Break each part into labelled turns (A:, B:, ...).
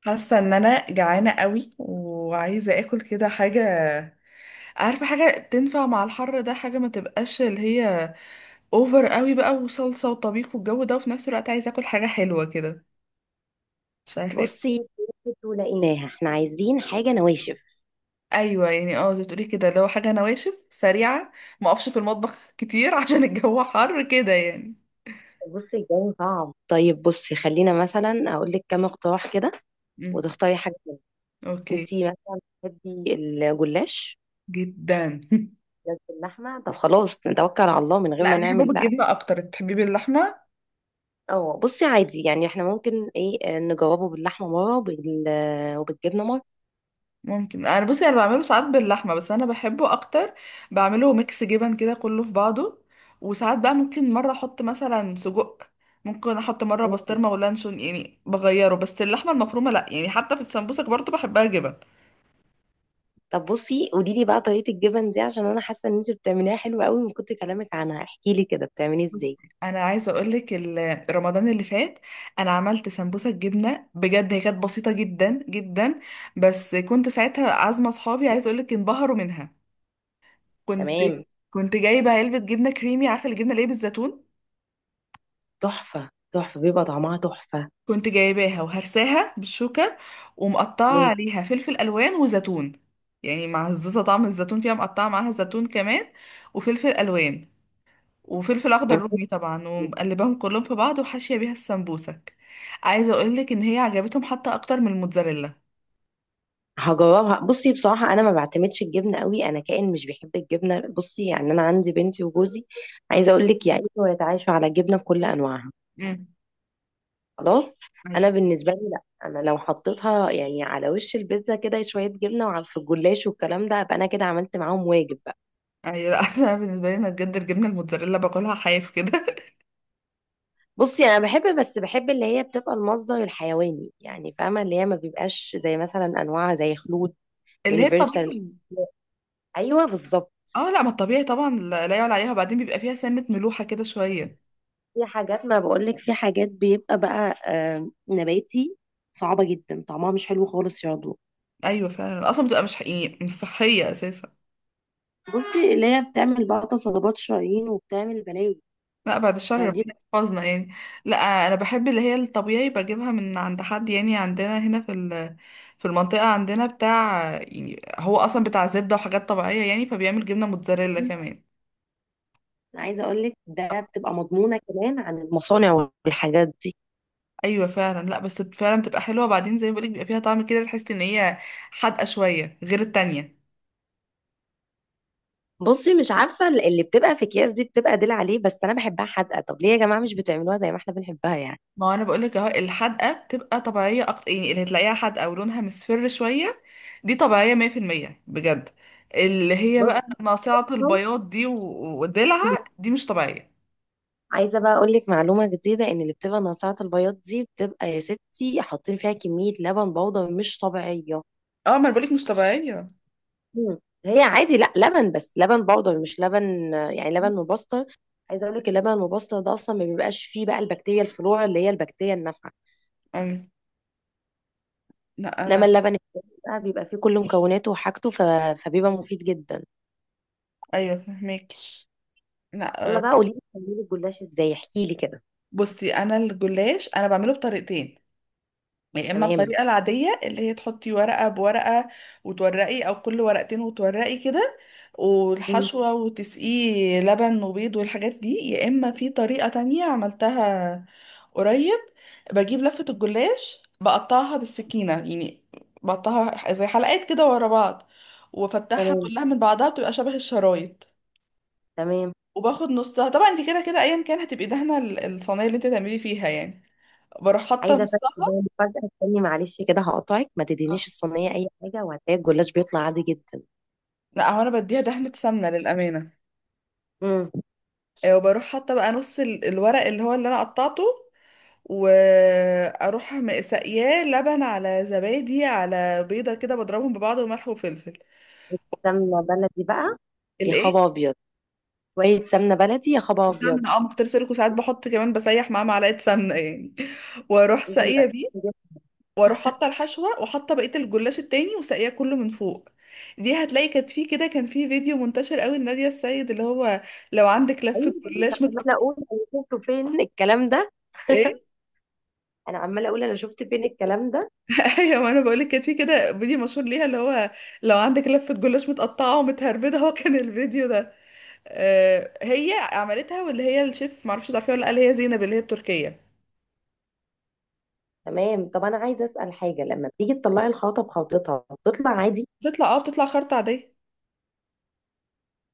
A: حاسه ان انا جعانه قوي وعايزه اكل كده حاجه. عارفه حاجه تنفع مع الحر ده؟ حاجه ما تبقاش اللي هي اوفر قوي بقى وصلصه وطبيخ والجو ده، وفي نفس الوقت عايزه اكل حاجه حلوه كده. مش عارفه اكل.
B: بصي ولقيناها احنا عايزين حاجة نواشف.
A: ايوه، يعني زي ما بتقولي كده، لو حاجه نواشف سريعه ما اقفش في المطبخ كتير عشان الجو حر كده يعني.
B: بصي الجو صعب، طيب بصي خلينا مثلا اقول لك كام اقتراح كده
A: مم.
B: وتختاري حاجة منهم.
A: اوكي.
B: انتي مثلا بتحبي الجلاش؟
A: جدا
B: جلاش باللحمة، طب خلاص نتوكل على الله من غير
A: لا،
B: ما
A: انا بحبه
B: نعمل بقى.
A: بالجبنه اكتر، بتحبيه باللحمه؟
B: اه بصي عادي، يعني احنا ممكن ايه نجربه باللحمة مرة وبالجبنة مرة.
A: ممكن، انا بصي انا بعمله ساعات باللحمه، بس انا بحبه اكتر. بعمله ميكس جبن كده كله في بعضه. وساعات بقى ممكن مره احط مثلا سجق، ممكن احط مره بسطرمه ولانشون، يعني بغيره بس اللحمه المفرومه لا، يعني حتى في السمبوسك برضه بحبها جبن.
B: طب بصي قولي لي بقى طريقة الجبن دي، عشان انا حاسة ان انتي بتعمليها حلوة قوي من كتر كلامك عنها. احكي لي كده بتعملي
A: بصي
B: ازاي.
A: انا عايزه اقولك رمضان اللي فات انا عملت سمبوسه جبنه، بجد هي كانت بسيطه جدا جدا. بس كنت ساعتها عازمه اصحابي، عايزه اقولك انبهروا منها. كنت
B: تمام.
A: كنت جايبه علبه جبنه كريمي، عارفه الجبنه اللي هي بالزيتون؟
B: تحفة، تحفة، بيبقى طعمها تحفة.
A: كنت جايباها وهرساها بالشوكة، ومقطعة
B: إمم،
A: عليها فلفل ألوان وزيتون. يعني معززة طعم الزيتون فيها، مقطعة معاها زيتون كمان، وفلفل ألوان، وفلفل أخضر
B: إمم،
A: رومي طبعا، ومقلباهم كلهم في بعض وحاشية بيها السمبوسك. عايزة أقولك إن هي عجبتهم حتى أكتر من الموتزاريلا.
B: هاجرّبها. بُصّي بصراحة أنا ما باعتمدش الجبنة أوي، أنا كائن مش بيحب الجبنة، بُصّي، يعني أنا عندي بنتي وجوزي
A: آه.
B: عايزة أقول لِك يعيشوا ويتعايشوا على الجبنة بكل أنواعها.
A: امم.
B: خلاص؟
A: ايوه.
B: أنا بالنسبة لي لأ، أنا لو حطيتها يعني على وش البيتزا كده شوية جبنة وعلى في الجلاش والكلام ده، أبقى أنا كده عملت معاهم واجب بقى.
A: ايوه، لا انا بالنسبه لي انا بجد الجبنه الموتزاريلا باكلها حاف كده
B: بُصّي، أنا باحب، بس باحب اللي هي بتبقى المصدر الحيواني، يعني فاهمة؟ اللي هي ما بيبقاش زي مثلًا أنواع زي خلود،
A: اللي هي
B: يونيفرسال.
A: الطبيعي.
B: أيوه بالضبط.
A: اه، لا، ما الطبيعي طبعا، لا لا، يعلى عليها، وبعدين بيبقى فيها سنه ملوحه كده شويه.
B: في حاجات، ما بقولك في حاجات بيبقى بقى نباتي، صعبة جدا طعمها مش حلو خالص يا ضوء.
A: ايوه فعلا، اصلا بتبقى مش حقيقي، مش صحيه اساسا.
B: بصي اللي هي بتعمل بقى تصلبات شرايين وبتعمل بلاوي.
A: لا بعد الشر،
B: فدي.
A: ربنا يحفظنا يعني. لا، انا بحب اللي هي الطبيعي، بجيبها من عند حد، يعني عندنا هنا في في المنطقه عندنا بتاع، يعني هو اصلا بتاع زبده وحاجات طبيعيه، يعني فبيعمل جبنه موتزاريلا كمان.
B: أنا عايزة أقولك ده بتبقى مضمونة كمان عن المصانع والحاجات دي.
A: ايوه فعلا، لا بس فعلا بتبقى حلوه، بعدين زي ما بقولك بيبقى فيها طعم كده تحس ان هي حادقه شويه غير التانية.
B: بصي مش عارفة اللي بتبقى في أكياس دي بتبقى قليل عليه، بس أنا بحبها حادقة. طب ليه يا جماعة مش بتعملوها زي ما احنا بنحبها يعني؟
A: ما هو انا بقول لك اهو، الحدقه بتبقى طبيعيه اكتر، يعني اللي هتلاقيها حدقه ولونها مصفر شويه دي طبيعيه 100% بجد. اللي هي بقى
B: بصي
A: ناصعه البياض دي ودلعها دي مش طبيعيه.
B: عايزة بقى أقول لك معلومة جديدة، إن اللي بتبقى ناصعة البياض دي بتبقى يا ستي حاطين فيها كمية لبن بودرة مش طبيعية.
A: اه، ما انا بقول لك مش طبيعيه.
B: مم. هي عادي لا لبن، بس لبن بودر مش لبن، يعني لبن مبستر. عايزه اقول لك اللبن المبستر ده اصلا ما بيبقاش فيه بقى البكتيريا الفلورا، اللي هي البكتيريا النافعه.
A: أم. لا
B: انما
A: انا.
B: اللبن التاني بقى بيبقى فيه كل مكوناته وحاجته فبيبقى مفيد جدا.
A: ايوه فهمك. لا،
B: يلا
A: آه،
B: بقى قولي لي بتعملي الجلاش ازاي، احكي لي كده.
A: بصي انا الجلاش انا بعمله بطريقتين. يا اما
B: تمام.
A: الطريقه العاديه، اللي هي تحطي ورقه بورقه وتورقي، او كل ورقتين وتورقي كده،
B: مم.
A: والحشوه، وتسقيه لبن وبيض والحاجات دي. يا اما في طريقه تانية عملتها قريب، بجيب لفه الجلاش بقطعها بالسكينه، يعني بقطعها زي حلقات كده ورا بعض، وافتحها
B: تمام.
A: كلها من بعضها بتبقى شبه الشرايط،
B: تمام.
A: وباخد نصها. طبعا انت كده كده ايا كان هتبقي دهنه الصينيه اللي انت تعملي فيها يعني. بروح حاطه
B: عايزه
A: نصها.
B: افاجئك فجاه، استني معلش كده هقطعك. ما تدينيش الصينيه اي حاجه وهتلاقي الجلاش بيطلع عادي جدا.
A: لا هو انا بديها دهنة سمنة للأمانة.
B: امم.
A: آه، وبروح حاطة بقى نص الورق اللي هو اللي انا قطعته، واروح ساقياه لبن على زبادي على بيضة كده، بضربهم ببعض وملح وفلفل.
B: سمنه بلدي بقى؟ يا
A: الايه؟
B: خبر ابيض. شويه سمنه بلدي، يا خبر ابيض.
A: وسمنة، ما كنت لسه لكم، ساعات بحط كمان بسيح معاه معلقة سمنة يعني واروح
B: نجيب.
A: ساقية بيه،
B: نجيب.
A: واروح حاطة الحشوة وحاطة بقية الجلاش التاني وساقياه كله من فوق. دي هتلاقي كانت في كده، كان في فيديو منتشر قوي لنادية السيد اللي هو لو عندك لفة
B: ايوه.
A: جلاش
B: عماله
A: متقطع.
B: اقول انا شفته فين الكلام ده انا عماله اقول انا شفت فين الكلام ده.
A: ايوه، ما انا بقول لك كانت في كده فيديو مشهور ليها اللي هو لو عندك لفه جلاش متقطعه ومتهربده، هو كان الفيديو ده، آه، هي عملتها، واللي هي الشيف معرفش تعرفيها ولا لأ، اللي هي زينب اللي هي التركيه.
B: تمام. طب انا عايزه اسال حاجه، لما بتيجي تطلعي الخلطه بخلطتها بتطلع عادي؟
A: بتطلع خرطه عاديه.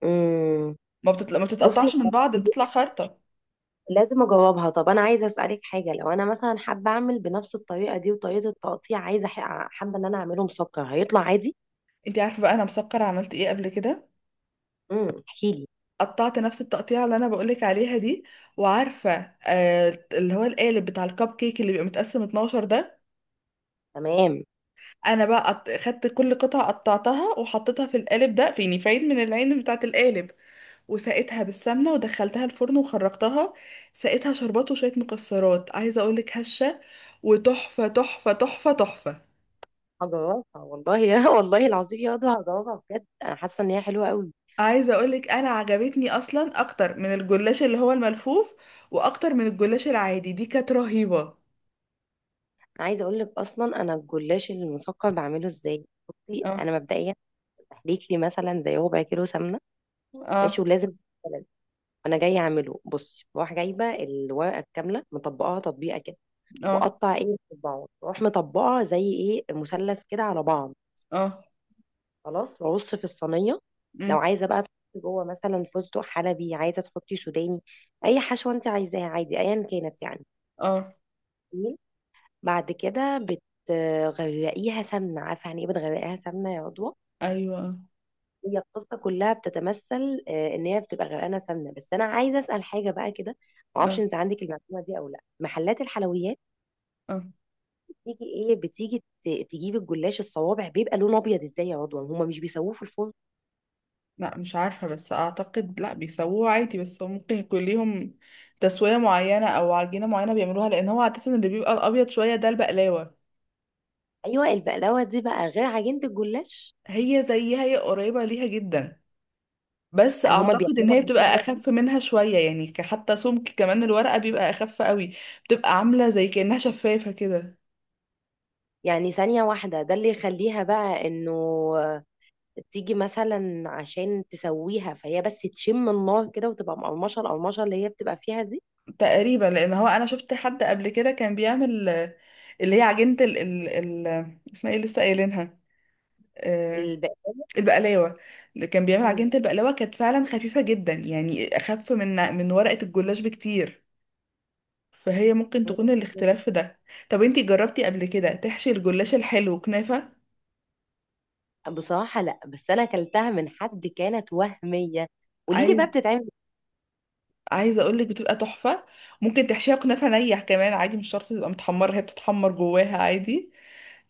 B: امم.
A: ما بتطلع، ما
B: بصي
A: بتتقطعش من بعض، بتطلع خرطه.
B: لازم اجاوبها. طب انا عايزه اسالك حاجه، لو انا مثلا حابه اعمل بنفس الطريقه دي وطريقه التقطيع، عايزه حابه ان انا اعمله مسكر، هيطلع عادي؟
A: انت عارفه بقى انا مسكره عملت ايه قبل كده؟
B: امم، احكي لي.
A: قطعت نفس التقطيعه اللي انا بقول لك عليها دي، وعارفه، آه، اللي هو القالب بتاع الكب كيك اللي بيبقى متقسم 12 ده؟
B: تمام.
A: انا بقى خدت كل قطعه قطعتها وحطيتها في القالب ده، في يعني فايد من العين بتاعه القالب، وسقيتها بالسمنة ودخلتها الفرن وخرجتها، سقيتها شربات وشوية مكسرات. عايزة اقولك هشة وتحفة تحفة تحفة تحفة.
B: هجاوبها والله. يا والله العظيم يا ندى، هجاوبها بجد، انا حاسه ان هي حلوه قوي.
A: عايزة اقولك انا عجبتني اصلا اكتر من الجلاش اللي هو الملفوف، واكتر من الجلاش العادي، دي كانت رهيبة.
B: انا عايزه اقول لك اصلا انا الجلاش المسكر بعمله ازاي. بصي
A: اه
B: انا مبدئيا بحليك لي مثلا زي ربع كيلو سمنه، ماشي؟
A: اه
B: ولازم بلد. انا جايه اعمله. بصي بروح جايبه الورقه الكامله مطبقاها تطبيقه كده،
A: اه
B: واقطع ايه مربعات، واروح مطبقه زي ايه مثلث كده على بعض.
A: اه.
B: خلاص وارص في الصينيه.
A: مم،
B: لو عايزه بقى تحطي جوه مثلا فستق حلبي، عايزه تحطي سوداني، اي حشوه انت عايزاها عادي ايا كانت يعني.
A: اه.
B: بعد كده بتغرقيها سمنه، عارفه يعني ايه بتغرقيها سمنه يا عضوة؟
A: ايوه، اه
B: هي القصه كلها بتتمثل ان هي بتبقى غرقانه سمنه. بس انا عايزه اسال حاجه بقى كده، ما اعرفش
A: اه،
B: انت عندك المعلومه دي او لا. محلات الحلويات
A: آه.
B: بتيجي، ايه بتيجي تجيب الجلاش الصوابع بيبقى لونه ابيض ازاي يا رضوى؟ هما مش بيسووه في الفرن؟
A: لا مش عارفة، بس اعتقد لا بيسووه عادي، بس هو ممكن يكون ليهم تسوية معينة او عجينة معينة بيعملوها، لان هو عادة اللي بيبقى الابيض شوية ده البقلاوة.
B: ايوه البقلاوه دي بقى غير عجينه الجلاش.
A: هي زيها، هي قريبة ليها جدا، بس
B: يعني هما
A: اعتقد ان
B: بيعملوها
A: هي بتبقى
B: بالطريقة دي.
A: اخف منها شوية، يعني حتى سمك كمان الورقة بيبقى اخف قوي، بتبقى عاملة زي كأنها شفافة كده.
B: يعني ثانيه واحده ده اللي يخليها بقى انه آه، تيجي مثلا عشان تسويها، فهي بس تشم النار كده وتبقى مقرمشه، القرمشه اللي هي بتبقى فيها دي.
A: تقريبا، لان هو انا شفت حد قبل كده كان بيعمل، آه، اللي هي عجينة ال، اسمها ايه لسه قايلينها، آه، البقلاوة. اللي كان بيعمل
B: البقلاوه.
A: عجينة البقلاوة كانت فعلا خفيفة جدا، يعني اخف من ورقة الجلاش بكتير، فهي ممكن تكون الاختلاف في ده. طب انتي جربتي قبل كده تحشي الجلاش الحلو كنافة؟
B: بصراحة لا، بس أنا أكلتها من حد كانت وهمية. قولي لي
A: عايز
B: بقى بتتعمل إزاي؟
A: عايزه اقول لك بتبقى تحفه. ممكن تحشيها كنافه نيح كمان عادي، مش شرط تبقى متحمره، هي بتتحمر جواها عادي،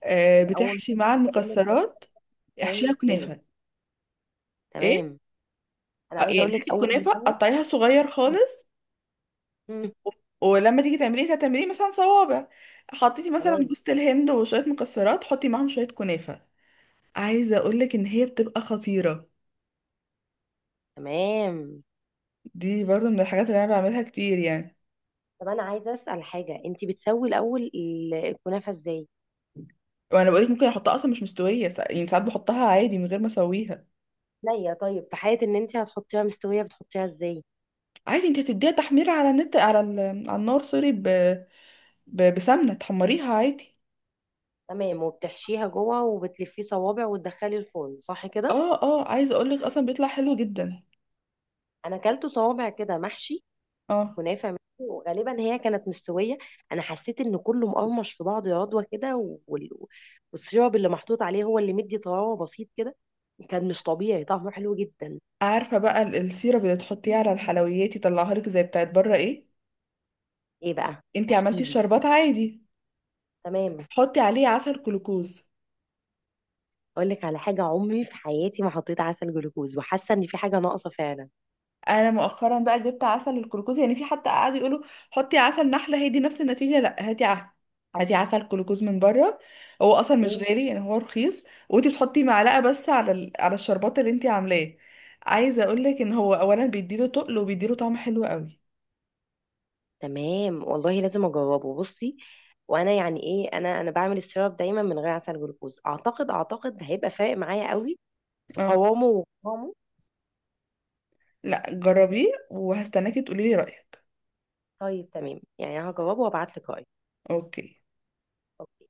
A: آه،
B: أنا أول
A: بتحشي
B: مرة
A: مع
B: أقول لك.
A: المكسرات. احشيها
B: بتتعمل إزاي؟
A: كنافه. ايه؟
B: تمام. أنا
A: آه،
B: عايزة
A: يعني
B: أقول
A: هاتي
B: لك أول
A: الكنافه
B: مرة.
A: قطعيها صغير خالص،
B: مم.
A: و- ولما تيجي تعمليه هتعمليه مثلا صوابع، حطيتي مثلا
B: تمام.
A: جوز الهند وشويه مكسرات، حطي معاهم شويه كنافه. عايزه اقول لك ان هي بتبقى خطيره.
B: تمام.
A: دي برضه من الحاجات اللي انا بعملها كتير يعني.
B: طب أنا عايزة أسأل حاجة، أنت بتسوي الأول الكنافة إزاي؟
A: وانا بقولك ممكن احطها اصلا مش مستويه، يعني ساعات بحطها عادي من غير ما اسويها.
B: نية، طيب في حالة إن أنت هتحطيها مستوية، بتحطيها إزاي؟
A: عادي، انت هتديها تحميرة على النار، سوري، بسمنة تحمريها عادي.
B: تمام، وبتحشيها جوه وبتلفيه صوابع وتدخلي الفرن صح كده؟
A: اه اه، عايزة اقولك اصلا بيطلع حلو جدا.
B: أنا أكلته صوابع كده محشي
A: اه.
B: كنافه منه، وغالبا هي كانت مستويه. انا حسيت ان كله مقرمش في بعض يا رضوى كده، وال- والسيرب اللي محطوط عليه هو اللي مدي طراوه بسيط كده، كان مش طبيعي طعمه حلو جدا.
A: عارفة بقى السيرب اللي تحطيه على الحلويات يطلعها لك زي بتاعت بره ايه؟
B: ايه بقى؟
A: انت
B: احكي
A: عملتي
B: لي.
A: الشربات عادي،
B: تمام.
A: حطي عليه عسل جلوكوز.
B: اقول لك على حاجه، عمري في حياتي ما حطيت عسل جلوكوز، وحاسه ان في حاجه ناقصه فعلا.
A: انا مؤخرا بقى جبت عسل الجلوكوز، يعني في حتى قعدوا يقولوا حطي عسل نحله هي دي نفس النتيجه، لا، هاتي عسل، هاتي عسل جلوكوز من بره، هو اصلا مش
B: مم.
A: غالي يعني، هو رخيص. وانتي بتحطي معلقه بس على على الشربات اللي انتي عاملاه. عايزه اقول لك ان هو اولا بيديله تقل، وبيديله طعم حلو قوي.
B: تمام والله، لازم اجربه. بصي وانا يعني ايه، انا بعمل السيرب دايما من غير عسل جلوكوز. اعتقد اعتقد هيبقى فارق معايا قوي في
A: اه.
B: قوامه. وقوامه.
A: لا جربيه، وهستناكي تقولي لي رايك.
B: طيب تمام، يعني هجاوبه وابعت لك رأيي.
A: اوكي.
B: أوكي.